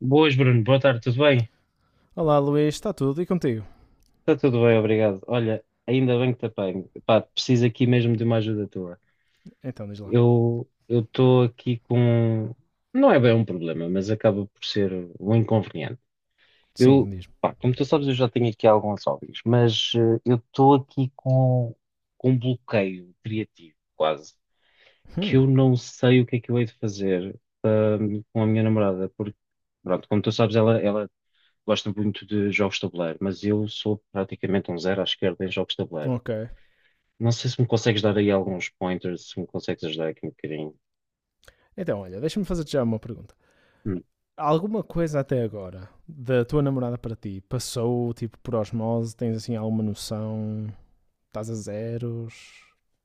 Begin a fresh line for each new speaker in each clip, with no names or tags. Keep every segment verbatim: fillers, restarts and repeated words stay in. Boas, Bruno. Boa tarde, tudo bem?
Olá Luís, está tudo e contigo?
Está tudo bem, obrigado. Olha, ainda bem que te apanho. Pá, preciso aqui mesmo de uma ajuda tua.
Então diz lá.
Eu eu estou aqui com. Não é bem um problema, mas acaba por ser um inconveniente.
Sim,
Eu,
diz-me.
pá, como tu sabes, eu já tenho aqui alguns hobbies, mas eh, eu estou aqui com, com um bloqueio criativo, quase, que
Hum,
eu não sei o que é que eu hei de fazer hum, com a minha namorada, porque, pronto, como tu sabes, ela, ela gosto muito de jogos de tabuleiro, mas eu sou praticamente um zero à esquerda em jogos de tabuleiro.
ok.
Não sei se me consegues dar aí alguns pointers, se me consegues ajudar aqui um bocadinho.
Então olha, deixa-me fazer-te já uma pergunta.
Hum.
Alguma coisa até agora da tua namorada para ti passou tipo por osmose? Tens assim alguma noção? Estás a zeros?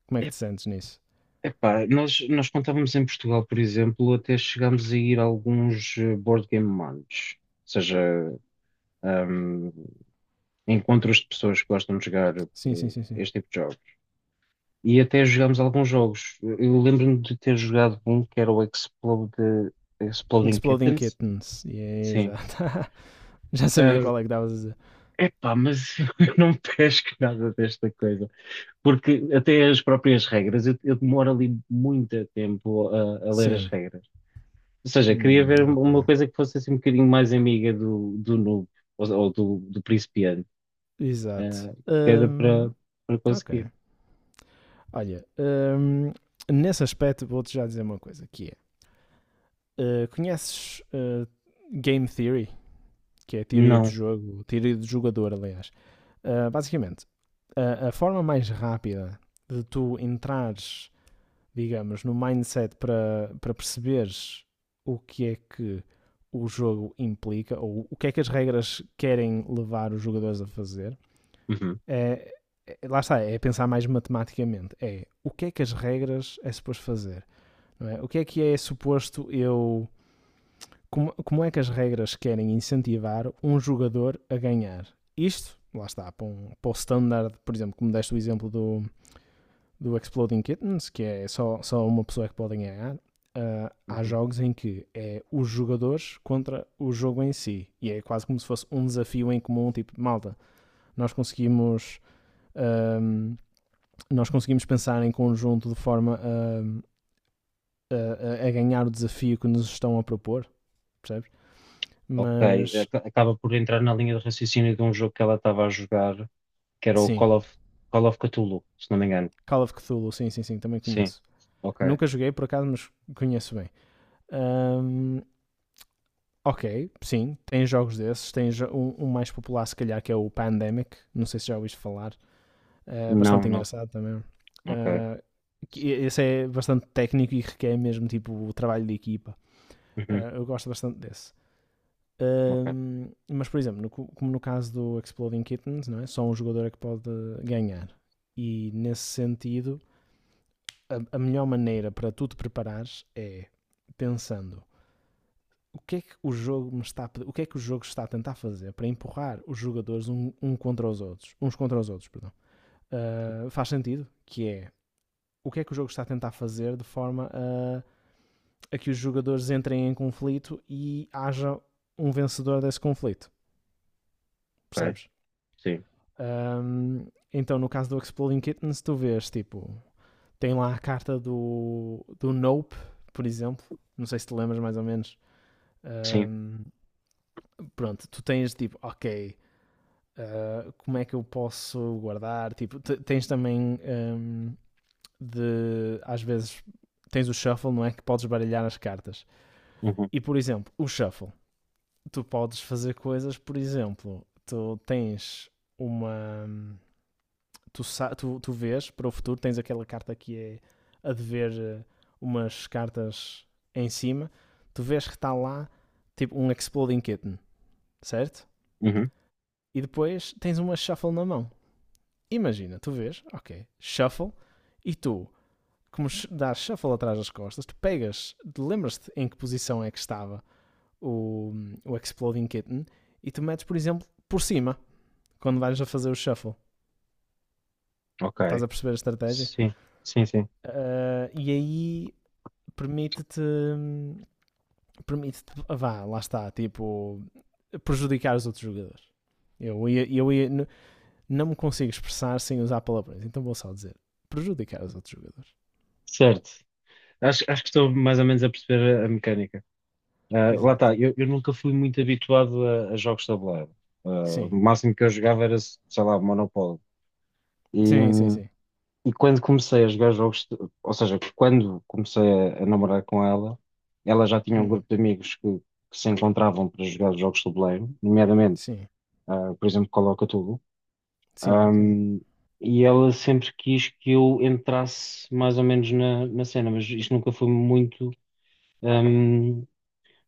Como é que te sentes nisso?
Epá, nós, nós contávamos em Portugal, por exemplo, até chegámos a ir a alguns eh, board game months, ou seja, hum, encontros de pessoas que gostam de jogar eh,
Sim, sim, sim, sim.
este tipo de jogos. E até jogámos alguns jogos. Eu lembro-me de ter jogado um que era o Explode, Exploding
Exploding
Kittens.
Kittens. Yeah,
Sim.
exato. já sabia qual é que davas a dizer.
Epá, mas eu não pesco nada desta coisa, porque até as próprias regras, eu, eu demoro ali muito tempo a, a ler as
Sim.
regras. Ou seja, queria
Hum,
ver
ok.
uma coisa que fosse assim um bocadinho mais amiga do, do noob, ou, ou do, do principiante,
Exato.
ah, que era
Hum,
para para
ok.
conseguir.
Olha, hum, nesse aspecto vou-te já dizer uma coisa, que é Uh, conheces uh, Game Theory, que é a teoria de
Não.
jogo, teoria de jogador, aliás. Uh, basicamente, a, a forma mais rápida de tu entrares, digamos, no mindset para, para perceberes o que é que o jogo implica, ou o que é que as regras querem levar os jogadores a fazer,
Uhum,
é, é- lá está, é pensar mais matematicamente. É o que é que as regras é suposto fazer, não é? O que é que é suposto eu como, como é que as regras querem incentivar um jogador a ganhar? Isto, lá está, para, um, para o standard, por exemplo, como deste o exemplo do, do Exploding Kittens, que é só, só uma pessoa é que pode ganhar, ah, há
uhum.
jogos em que é os jogadores contra o jogo em si. E é quase como se fosse um desafio em comum, tipo, malta, nós conseguimos, ahm, nós conseguimos pensar em conjunto de forma a, a- a ganhar o desafio que nos estão a propor, percebes?
Ok,
Mas,
Ac- acaba por entrar na linha de raciocínio de um jogo que ela estava a jogar, que era o
sim,
Call of, Call of Cthulhu, se não me engano.
Call of Cthulhu, sim, sim, sim, também
Sim,
conheço.
ok.
Nunca joguei por acaso, mas conheço bem. Ahm, ok, sim, tem jogos desses. Tem jo- um, um mais popular, se calhar, que é o Pandemic. Não sei se já ouviste falar. É
Não,
bastante
não,
engraçado também.
ok.
Ah, que esse é bastante técnico e requer mesmo tipo o trabalho de equipa.
Uhum.
Ah, eu gosto bastante desse.
Ok,
Ahm, mas, por exemplo, no co- como no caso do Exploding Kittens, não é? só um jogador é que pode ganhar. E nesse sentido, a, a melhor maneira para tu te preparares é pensando o que é que o jogo me está a o que é que o jogo está a tentar fazer para empurrar os jogadores um, um contra os outros, uns contra os outros, perdão. Ah, faz sentido que é o que é que o jogo está a tentar fazer de forma a, a que os jogadores entrem em conflito e haja um vencedor desse conflito,
ok,
percebes?
sim,
Ahm, então, no caso do Exploding Kittens, tu vês, tipo, tem lá a carta do, do Nope, por exemplo, não sei se te lembras mais ou menos.
sim,
Um, pronto, tu tens tipo, ok, uh, como é que eu posso guardar? Tipo, t- tens também um, de às vezes tens o shuffle, não é? Que podes baralhar as cartas.
uhum,
E por exemplo, o shuffle, tu podes fazer coisas, por exemplo, tu tens uma. Tu, tu, tu vês para o futuro, tens aquela carta que é a de ver umas cartas em cima, tu vês que está lá tipo um Exploding Kitten, certo?
uhum,
E depois tens uma shuffle na mão. Imagina, tu vês, ok, shuffle, e tu, como sh- dás shuffle atrás das costas, tu pegas, tu lembras-te em que posição é que estava o, o Exploding Kitten, e tu metes, por exemplo, por cima, quando vais a fazer o shuffle. Estás
ok,
a perceber a estratégia?
sim, sim, sim,
Ah, e aí permite-te, permite-te, vá, lá está, tipo, prejudicar os outros jogadores. Eu ia, eu ia, não me consigo expressar sem usar palavrões, então vou só dizer prejudicar os outros jogadores.
certo. Acho, acho que estou mais ou menos a perceber a, a mecânica. Ah, lá
Exato.
está, eu, eu nunca fui muito habituado a, a jogos de tabuleiro. Ah, o
Sim.
máximo que eu jogava era, sei lá, Monopólio. E,
Sim, sim, sim.
e quando comecei a jogar jogos, de- ou seja, quando comecei a, a namorar com ela, ela já tinha um
Hum.
grupo de amigos que, que se encontravam para jogar jogos de tabuleiro, nomeadamente,
Sim.
ah, por exemplo, Call of Cthulhu.
Sim, sim.
Ahm, e ela sempre quis que eu entrasse mais ou menos na, na cena, mas isto nunca foi muito, ahm,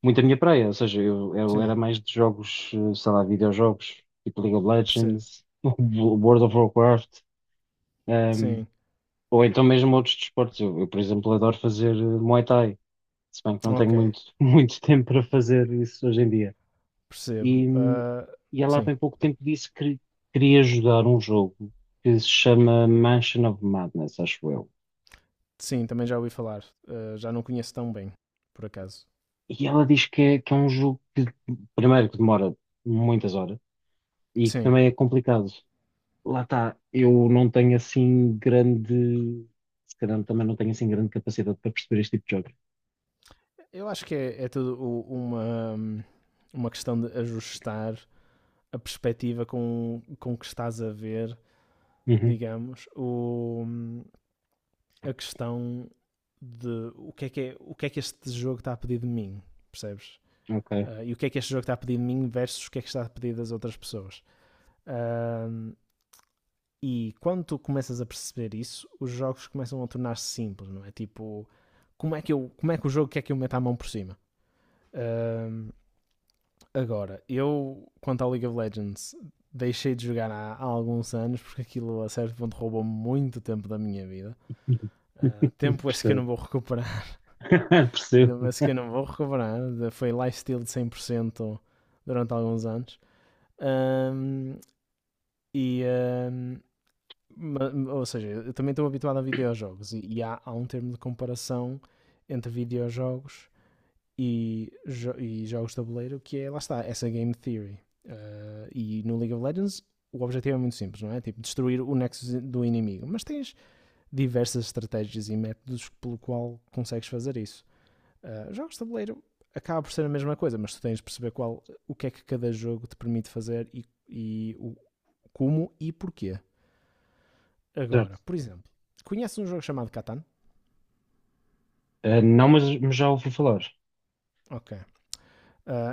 muito a minha praia. Ou seja, eu, eu
Sim.
era mais de jogos, eh, sei lá, videojogos, tipo League of
Percebo.
Legends, World of Warcraft, ahm,
Sim.
ou então mesmo outros desportos. Eu, eu, por exemplo, adoro fazer eh, Muay Thai, se bem que não tenho
Ok.
muito, muito tempo para fazer isso hoje em dia.
Percebo.
E,
Ah,
e ela há
sim.
bem pouco tempo disse que queria ajudar um jogo que se chama Mansion of Madness, acho eu.
Sim, também já ouvi falar. Ah, já não conheço tão bem, por acaso.
E ela diz que é, que é um jogo que, primeiro, que demora muitas horas e que
Sim.
também é complicado. Lá está, eu não tenho assim grande. Se calhar também não tenho assim grande capacidade para perceber este tipo de jogo.
Eu acho que é, é tudo uma, uma questão de ajustar a perspectiva com, com que estás a ver,
Uhum,
digamos, o, a questão de o que é que, é, o que, é que este jogo está a pedir de mim, percebes?
ok,
Uh, e o que é que este jogo está a pedir de mim versus o que é que está a pedir das outras pessoas. Uh, e quando tu começas a perceber isso, os jogos começam a tornar-se simples, não é? Tipo, como é que, eu, como é que o jogo quer que eu meta a mão por cima? Uh, agora, eu, quanto ao League of Legends, deixei de jogar há, há alguns anos porque aquilo a certo ponto roubou muito tempo da minha vida. Uh, tempo é esse que eu não
percebo.
vou recuperar. Eu
Percebo.
penso que eu não vou recuperar. Foi lifestyle de cem por cento durante alguns anos. Ahm, e, ahm, ou seja, eu também estou habituado a videojogos e, e há, há um termo de comparação entre videojogos e, jo- e jogos de tabuleiro que é, lá está, essa game theory. Ah, e no League of Legends o objetivo é muito simples, não é? Tipo, destruir o nexo do inimigo. Mas tens diversas estratégias e métodos pelo qual consegues fazer isso. Uh, jogos de tabuleiro acaba por ser a mesma coisa, mas tu tens de perceber qual, o que é que cada jogo te permite fazer e, e o, como e porquê. Agora,
Certo.
por exemplo, conheces um jogo chamado Catan?
Eh, não, mas, mas já ouvi falar.
Ok. Uh,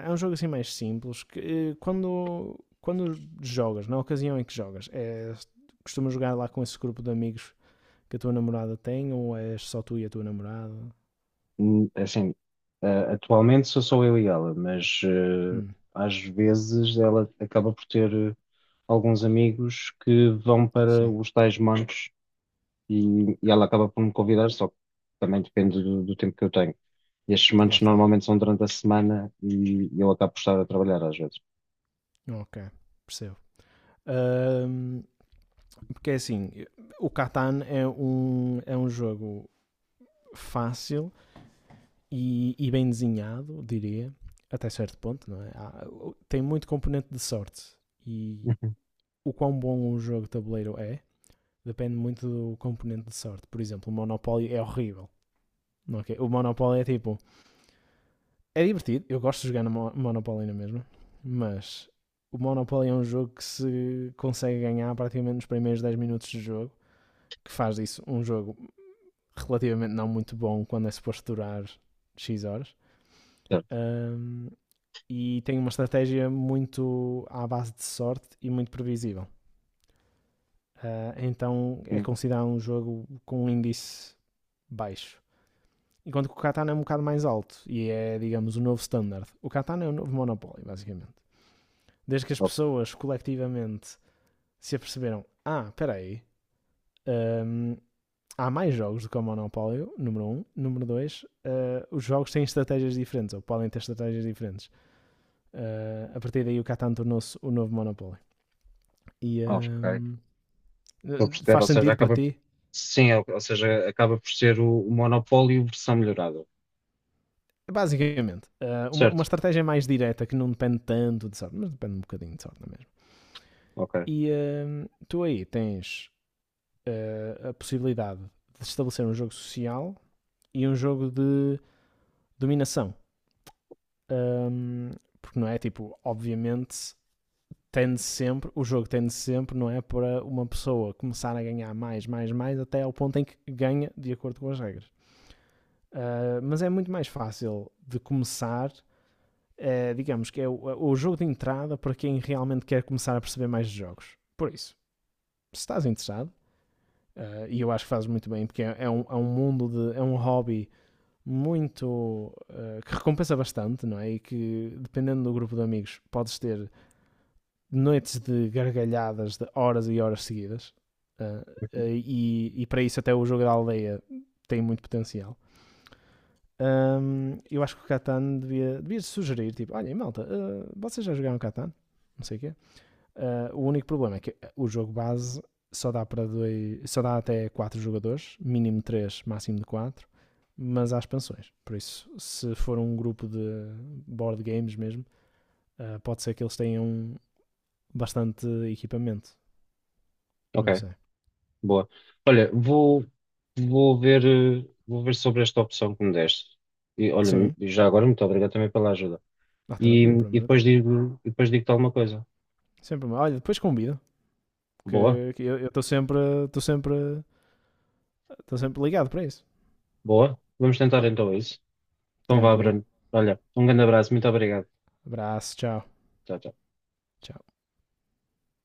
é um jogo assim mais simples que uh, quando, quando jogas, na ocasião em que jogas, é, costumas jogar lá com esse grupo de amigos que a tua namorada tem ou és só tu e a tua namorada?
Hum, é assim, ah, atualmente sou só eu e ela, mas
Hum,
ah, às vezes ela acaba por ter ah, alguns amigos que vão para
sim,
os tais mancos e, e ela acaba por me convidar, só que também depende do, do tempo que eu tenho. E estes
lá
mancos
está.
normalmente são durante a semana e eu acabo por estar a trabalhar às vezes.
Ok, percebo. Uh, Porque é assim, eh, o Catan é um, é um, jogo fácil e, e bem desenhado, diria, até certo ponto, não é? Há- tem muito componente de sorte e
Uhum.
o quão bom um jogo de tabuleiro é depende muito do componente de sorte. Por exemplo, o Monopoly é horrível. Ok? O Monopoly é tipo. É divertido, eu gosto de jogar no Mo- Monopoly na mesma, mas o Monopoly é um jogo que se consegue ganhar praticamente nos primeiros dez minutos de jogo, que faz disso um jogo relativamente não muito bom quando é suposto durar X horas.
Certo?
Um, e tem uma estratégia muito à base de sorte e muito previsível. Uh, então é
Sim.
considerado um jogo com um índice baixo. Enquanto que o Catana é um bocado mais alto e é, digamos, o novo standard. O Catana é o novo Monopoly, basicamente. Desde que as
Ok.
pessoas coletivamente se aperceberam: ah, espera aí, um, há mais jogos do que o Monopólio, número um. Número dois, eh, os jogos têm estratégias diferentes, ou podem ter estratégias diferentes. Eh, a partir daí o Catan tornou-se o novo Monopólio. E ehm,
Estou a perceber,
faz
ou seja,
sentido para
acaba
ti?
sim, ou ou seja, acaba por ser o, o monopólio versão melhorada.
Basicamente, eh, uma, uma
Certo?
estratégia mais direta que não depende tanto de sorte, mas depende um bocadinho de sorte, não é mesmo?
Ok.
E ehm, tu aí tens eh, a possibilidade de estabelecer um jogo social e um jogo de dominação. Ehm, porque não é tipo, obviamente, tende sempre, o jogo tende sempre, não é? Para uma pessoa começar a ganhar mais, mais, mais, até ao ponto em que ganha de acordo com as regras. Uh, mas é muito mais fácil de começar, uh, digamos que é o, o, jogo de entrada para quem realmente quer começar a perceber mais de jogos. Por isso, se estás interessado, uh, e eu acho que fazes muito bem, porque é, é, um, é um mundo de. É um hobby muito uh, que recompensa bastante, não é? E que dependendo do grupo de amigos podes ter noites de gargalhadas de horas e horas seguidas. Ah, ah, e, e para isso até o jogo da aldeia tem muito potencial. Ahm, eu acho que o Catan devia, devia sugerir, tipo, olha malta, ah, vocês já jogaram Catan? Não sei o quê. Ah, o único problema é que o jogo base só dá para dois, só dá até quatro jogadores, mínimo três máximo de quatro, mas há expansões. Por isso, se for um grupo de board games mesmo, ah, pode ser que eles tenham bastante equipamento.
Ok.
Não sei.
Boa. Olha, vou, vou ver, eh, vou ver sobre esta opção que me deste. E olha,
Sim.
já agora, muito obrigado também pela ajuda.
Ah,
E,
tranquilo, pelo
e
amor de
depois
Deus.
digo, e depois digo-te alguma coisa.
Sempre. Olha, depois convido.
Boa,
Que, que eu estou sempre. Estou sempre. Estou sempre ligado para isso.
boa. Vamos tentar então isso. Então vá,
Tranquilo.
Bruno. Olha, um grande abraço, muito obrigado.
Abraço, tchau.
Tchau, tchau.
Tchau.